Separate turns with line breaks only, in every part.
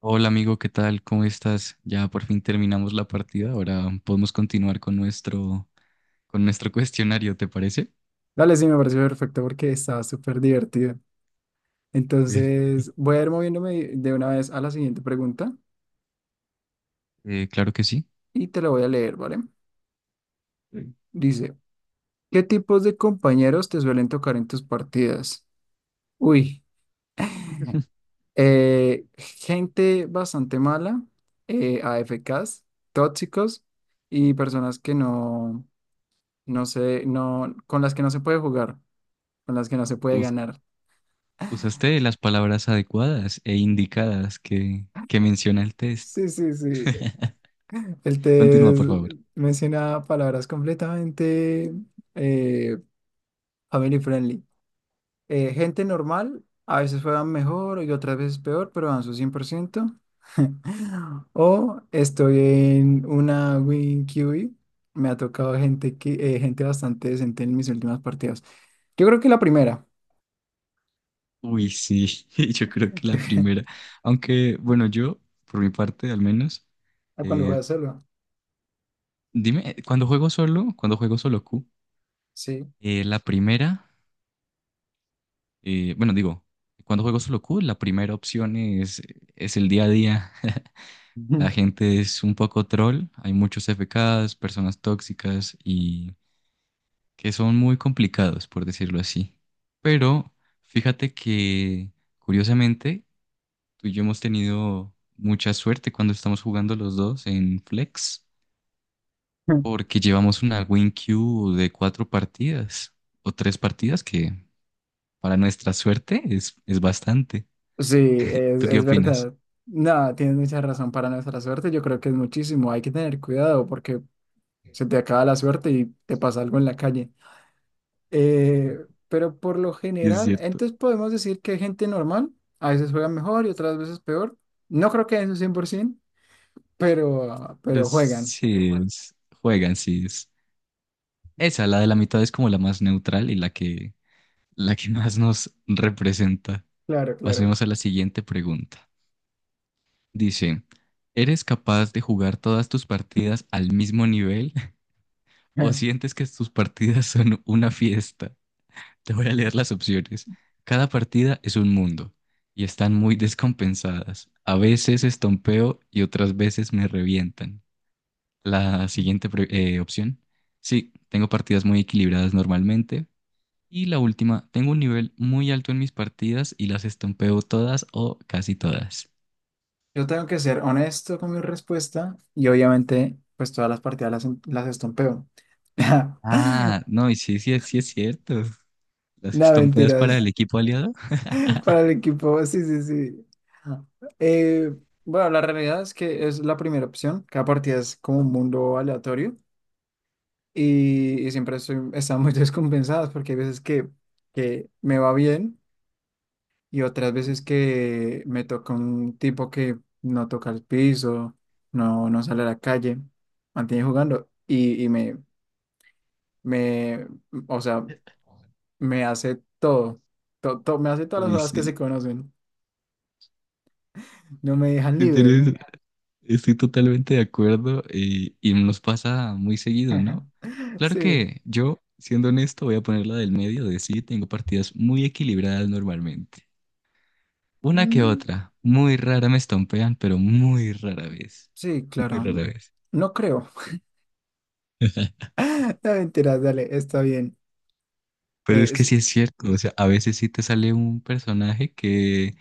Hola amigo, ¿qué tal? ¿Cómo estás? Ya por fin terminamos la partida. Ahora podemos continuar con nuestro cuestionario, ¿te parece?
Dale, sí, me pareció perfecto porque estaba súper divertido.
Sí.
Entonces, voy a ir moviéndome de una vez a la siguiente pregunta
Claro que sí.
y te la voy a leer, ¿vale? Dice, ¿qué tipos de compañeros te suelen tocar en tus partidas? Uy, gente bastante mala, AFKs, tóxicos y personas que no, no sé, no, con las que no se puede jugar, con las que no se puede
Us-
ganar.
Usaste las palabras adecuadas e indicadas que menciona el test.
Sí, sí, sí. El
Continúa,
test
por favor.
menciona palabras completamente eh, family friendly. Gente normal, a veces juegan mejor y otras veces peor, pero dan su 100%. O estoy en una win QB. Me ha tocado gente, que, gente bastante decente en mis últimas partidas. Yo creo que la primera,
Uy, sí, yo creo que la primera. Aunque, bueno, yo, por mi parte al menos,
a cuando
eh,
juega solo.
dime, cuando juego solo Q,
Sí.
la primera. Bueno, digo, cuando juego solo Q, la primera opción es el día a día. La gente es un poco troll, hay muchos FKs, personas tóxicas y que son muy complicados, por decirlo así. Pero fíjate que, curiosamente, tú y yo hemos tenido mucha suerte cuando estamos jugando los dos en Flex, porque llevamos una win queue de cuatro partidas o tres partidas, que para nuestra suerte es bastante.
Sí,
¿Tú qué Sí.
es
opinas?
verdad. No, tienes mucha razón para nuestra suerte. Yo creo que es muchísimo. Hay que tener cuidado porque se te acaba la suerte y te pasa algo en la calle. Eh, pero por lo
Sí, es
general,
cierto.
entonces podemos decir que hay gente normal. A veces juegan mejor y otras veces peor. No creo que en un 100%, pero
Los
juegan.
Sims juegan Sims. Esa, la de la mitad, es como la más neutral y la que más nos representa.
Claro, claro.
Pasemos a la siguiente pregunta. Dice, ¿eres capaz de jugar todas tus partidas al mismo nivel o sientes que tus partidas son una fiesta? Te voy a leer las opciones. Cada partida es un mundo y están muy descompensadas. A veces estompeo y otras veces me revientan. La siguiente opción. Sí, tengo partidas muy equilibradas normalmente. Y la última, tengo un nivel muy alto en mis partidas y las estompeo todas o casi todas.
Yo tengo que ser honesto con mi respuesta y obviamente pues todas las partidas las estompeo.
Ah, no, y sí, sí, sí es cierto. Las
No,
estompeas para el
mentiras.
equipo aliado.
Para el equipo, sí, sí, sí. Eh, bueno, la realidad es que es la primera opción. Cada partida es como un mundo aleatorio y siempre estoy, están muy descompensadas porque hay veces que me va bien y otras veces que me toca un tipo que no toca el piso, no, no sale a la calle, mantiene jugando y me, me, o sea, me hace todo, me hace todas las
Uy,
jugadas que
sí.
se conocen, no me dejan
Sí,
libre.
estoy totalmente de acuerdo y nos pasa muy seguido, ¿no? Claro
Sí.
que yo, siendo honesto, voy a poner la del medio de sí, tengo partidas muy equilibradas normalmente. Una que
Mm,
otra. Muy rara me estompean, pero muy rara vez.
sí,
Muy
claro.
rara vez.
No creo. No, mentira, dale, está bien.
Pero
Eh,
es que sí
es-
es cierto, o sea, a veces sí te sale un personaje que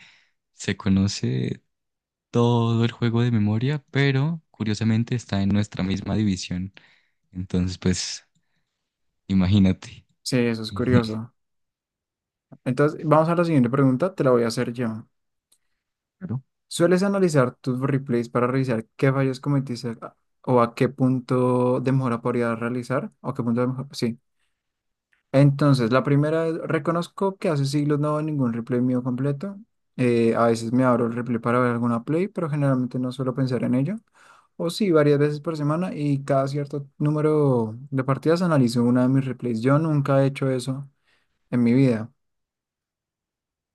se conoce todo el juego de memoria, pero curiosamente está en nuestra misma división. Entonces, pues, imagínate.
sí, eso es curioso. Entonces, vamos a la siguiente pregunta, te la voy a hacer yo.
Claro.
¿Sueles analizar tus replays para revisar qué fallos cometiste o a qué punto de mejora podrías realizar? ¿O qué punto de mejora? Entonces, la primera es, reconozco que hace siglos no veo ningún replay mío completo. A veces me abro el replay para ver alguna play, pero generalmente no suelo pensar en ello. O sí, varias veces por semana y cada cierto número de partidas analizo una de mis replays. Yo nunca he hecho eso en mi vida.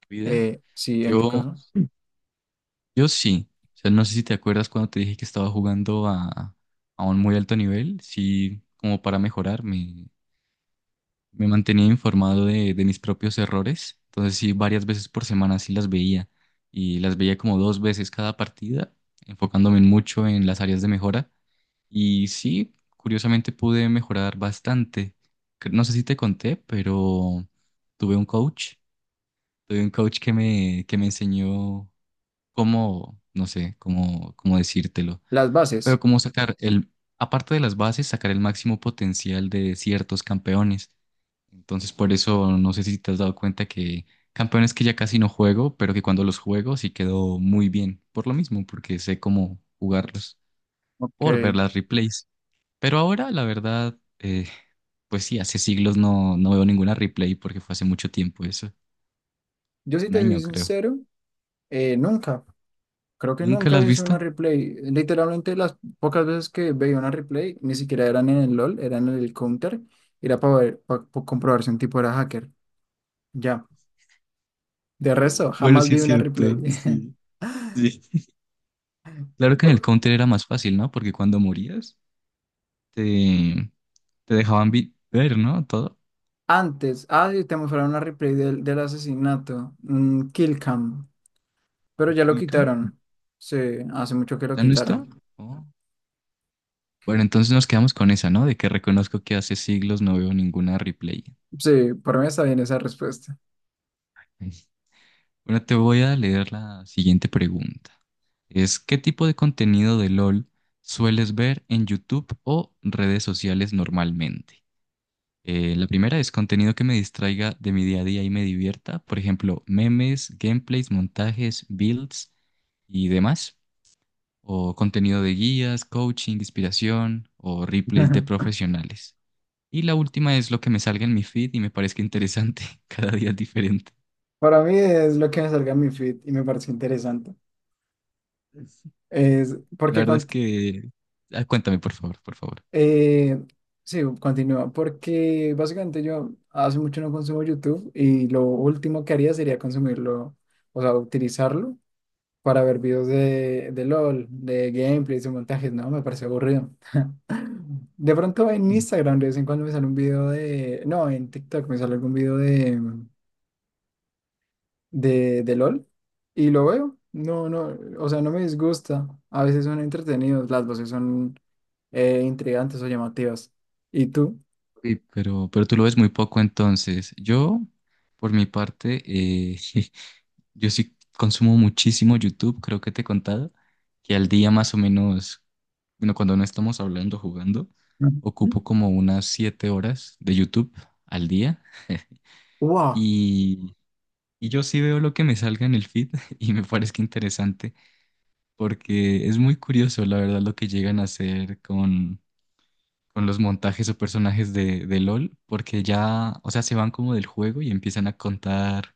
Vida.
Sí, en tu
Yo,
caso.
yo sí. O sea, no sé si te acuerdas cuando te dije que estaba jugando a un muy alto nivel, sí, como para mejorar me mantenía informado de mis propios errores. Entonces sí, varias veces por semana sí las veía y las veía como dos veces cada partida, enfocándome en mucho en las áreas de mejora. Y sí, curiosamente pude mejorar bastante. No sé si te conté, pero tuve un coach, tuve un coach que me enseñó cómo, no sé, cómo, cómo decírtelo,
Las
pero
bases.
cómo sacar el, aparte de las bases, sacar el máximo potencial de ciertos campeones. Entonces, por eso no sé si te has dado cuenta que campeones que ya casi no juego, pero que cuando los juego sí quedó muy bien. Por lo mismo, porque sé cómo jugarlos,
Ok.
por ver las replays. Pero ahora, la verdad, pues sí, hace siglos no veo ninguna replay porque fue hace mucho tiempo eso.
Yo sí
Un
te soy
año, creo.
sincero, nunca. Creo que
¿Nunca
nunca
las has
vi una
visto?
replay. Literalmente las pocas veces que veía una replay, ni siquiera eran en el LOL, eran en el Counter. Era para ver, para comprobar si un tipo era hacker. Ya. De resto,
Bueno,
jamás
sí
vi
es
una replay.
cierto, sí, sí. Claro que en
Po-
el Counter era más fácil, ¿no? Porque cuando morías, te, te dejaban ver, ¿no? Todo.
Antes, ah, sí, te mostraron una replay del, del asesinato, Kill Cam, pero ya lo
Kill cam.
quitaron. Sí, hace mucho que lo
¿Ya no está?
quitaron.
Oh. Bueno, entonces nos quedamos con esa, ¿no? De que reconozco que hace siglos no veo ninguna replay.
Sí, por mí está bien esa respuesta.
Bueno, te voy a leer la siguiente pregunta. Es, ¿qué tipo de contenido de LOL sueles ver en YouTube o redes sociales normalmente? La primera es contenido que me distraiga de mi día a día y me divierta, por ejemplo, memes, gameplays, montajes, builds y demás, o contenido de guías, coaching, inspiración o replays de profesionales. Y la última es lo que me salga en mi feed y me parezca interesante. Cada día es diferente.
Para mí es lo que me salga en mi feed y me parece interesante. Es
La
porque
verdad es que... ah, cuéntame, por favor, por favor.
Eh, sí, continúa, porque básicamente yo hace mucho no consumo YouTube y lo último que haría sería consumirlo, o sea, utilizarlo para ver videos de LOL, de gameplays o montajes, no, me parece aburrido. De pronto en Instagram de vez en cuando me sale un video de, no, en TikTok me sale algún video de LOL y lo veo, no, no, o sea, no me disgusta, a veces son entretenidos, las voces son intrigantes o llamativas. ¿Y tú?
Sí, pero tú lo ves muy poco entonces. Yo, por mi parte, eh, yo sí consumo muchísimo YouTube, creo que te he contado, que al día más o menos, bueno, cuando no estamos hablando, jugando,
Ujú.
ocupo como unas 7 horas de YouTube al día
Wow.
y, y yo sí veo lo que me salga en el feed y me parece interesante. Porque es muy curioso, la verdad, lo que llegan a hacer con los montajes o personajes de LOL, porque ya, o sea, se van como del juego y empiezan a contar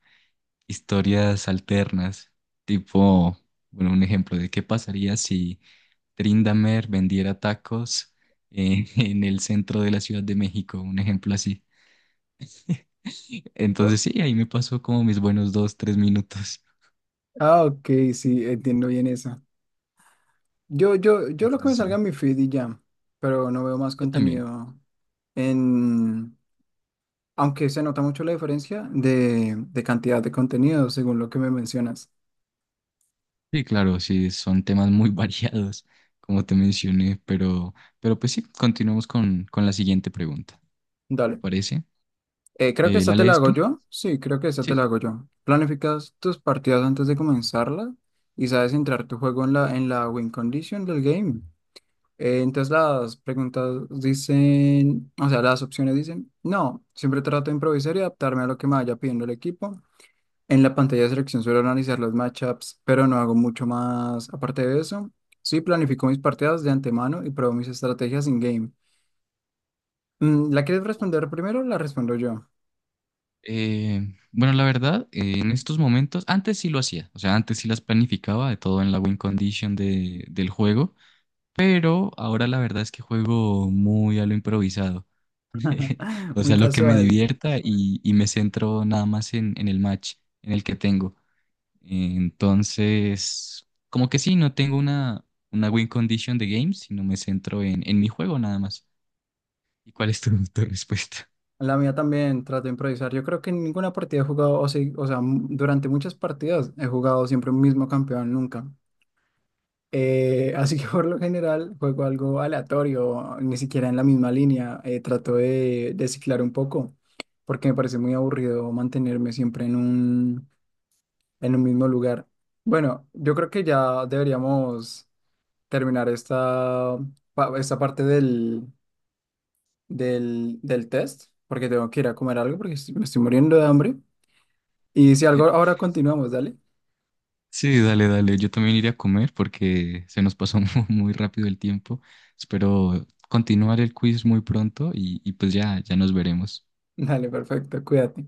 historias alternas, tipo, bueno, un ejemplo de qué pasaría si Trindamer vendiera tacos en el centro de la Ciudad de México, un ejemplo así.
¿No?
Entonces, sí, ahí me pasó como mis buenos dos, tres minutos.
Ah, ok, sí, entiendo bien esa. Yo lo que me
Entonces,
salga
sí,
en mi feed y ya, pero no veo más
yo también.
contenido en, aunque se nota mucho la diferencia de cantidad de contenido según lo que me mencionas.
Sí, claro, sí, son temas muy variados, como te mencioné, pero pues sí, continuamos con la siguiente pregunta, ¿te
Dale.
parece?
Creo que
¿La
esta te la
lees
hago
tú?
yo. Sí, creo que esta te la
Sí.
hago yo. Planificas tus partidas antes de comenzarlas y sabes entrar tu juego en la win condition del game. Entonces las preguntas dicen, o sea, las opciones dicen, no, siempre trato de improvisar y adaptarme a lo que me vaya pidiendo el equipo. En la pantalla de selección suelo analizar los matchups, pero no hago mucho más aparte de eso. Sí, planifico mis partidas de antemano y pruebo mis estrategias en game. Mm, ¿la quieres responder primero? O la respondo yo.
Bueno, la verdad, en estos momentos, antes sí lo hacía, o sea, antes sí las planificaba de todo en la win condition del juego, pero ahora la verdad es que juego muy a lo improvisado, o
Muy
sea, lo que me
casual.
divierta y me centro nada más en el match en el que tengo. Entonces, como que sí, no tengo una win condition de games, sino me centro en mi juego nada más. ¿Y cuál es tu respuesta?
La mía también trato de improvisar. Yo creo que en ninguna partida he jugado, o sí, o sea, durante muchas partidas he jugado siempre un mismo campeón, nunca. Así que por lo general juego algo aleatorio, ni siquiera en la misma línea. Trato de ciclar un poco, porque me parece muy aburrido mantenerme siempre en un mismo lugar. Bueno, yo creo que ya deberíamos terminar esta, esta parte del, del test, porque tengo que ir a comer algo, porque me estoy muriendo de hambre. Y si algo, ahora continuamos, dale.
Sí, dale, dale. Yo también iré a comer porque se nos pasó muy rápido el tiempo. Espero continuar el quiz muy pronto y pues ya, ya nos veremos.
Dale, perfecto, cuídate.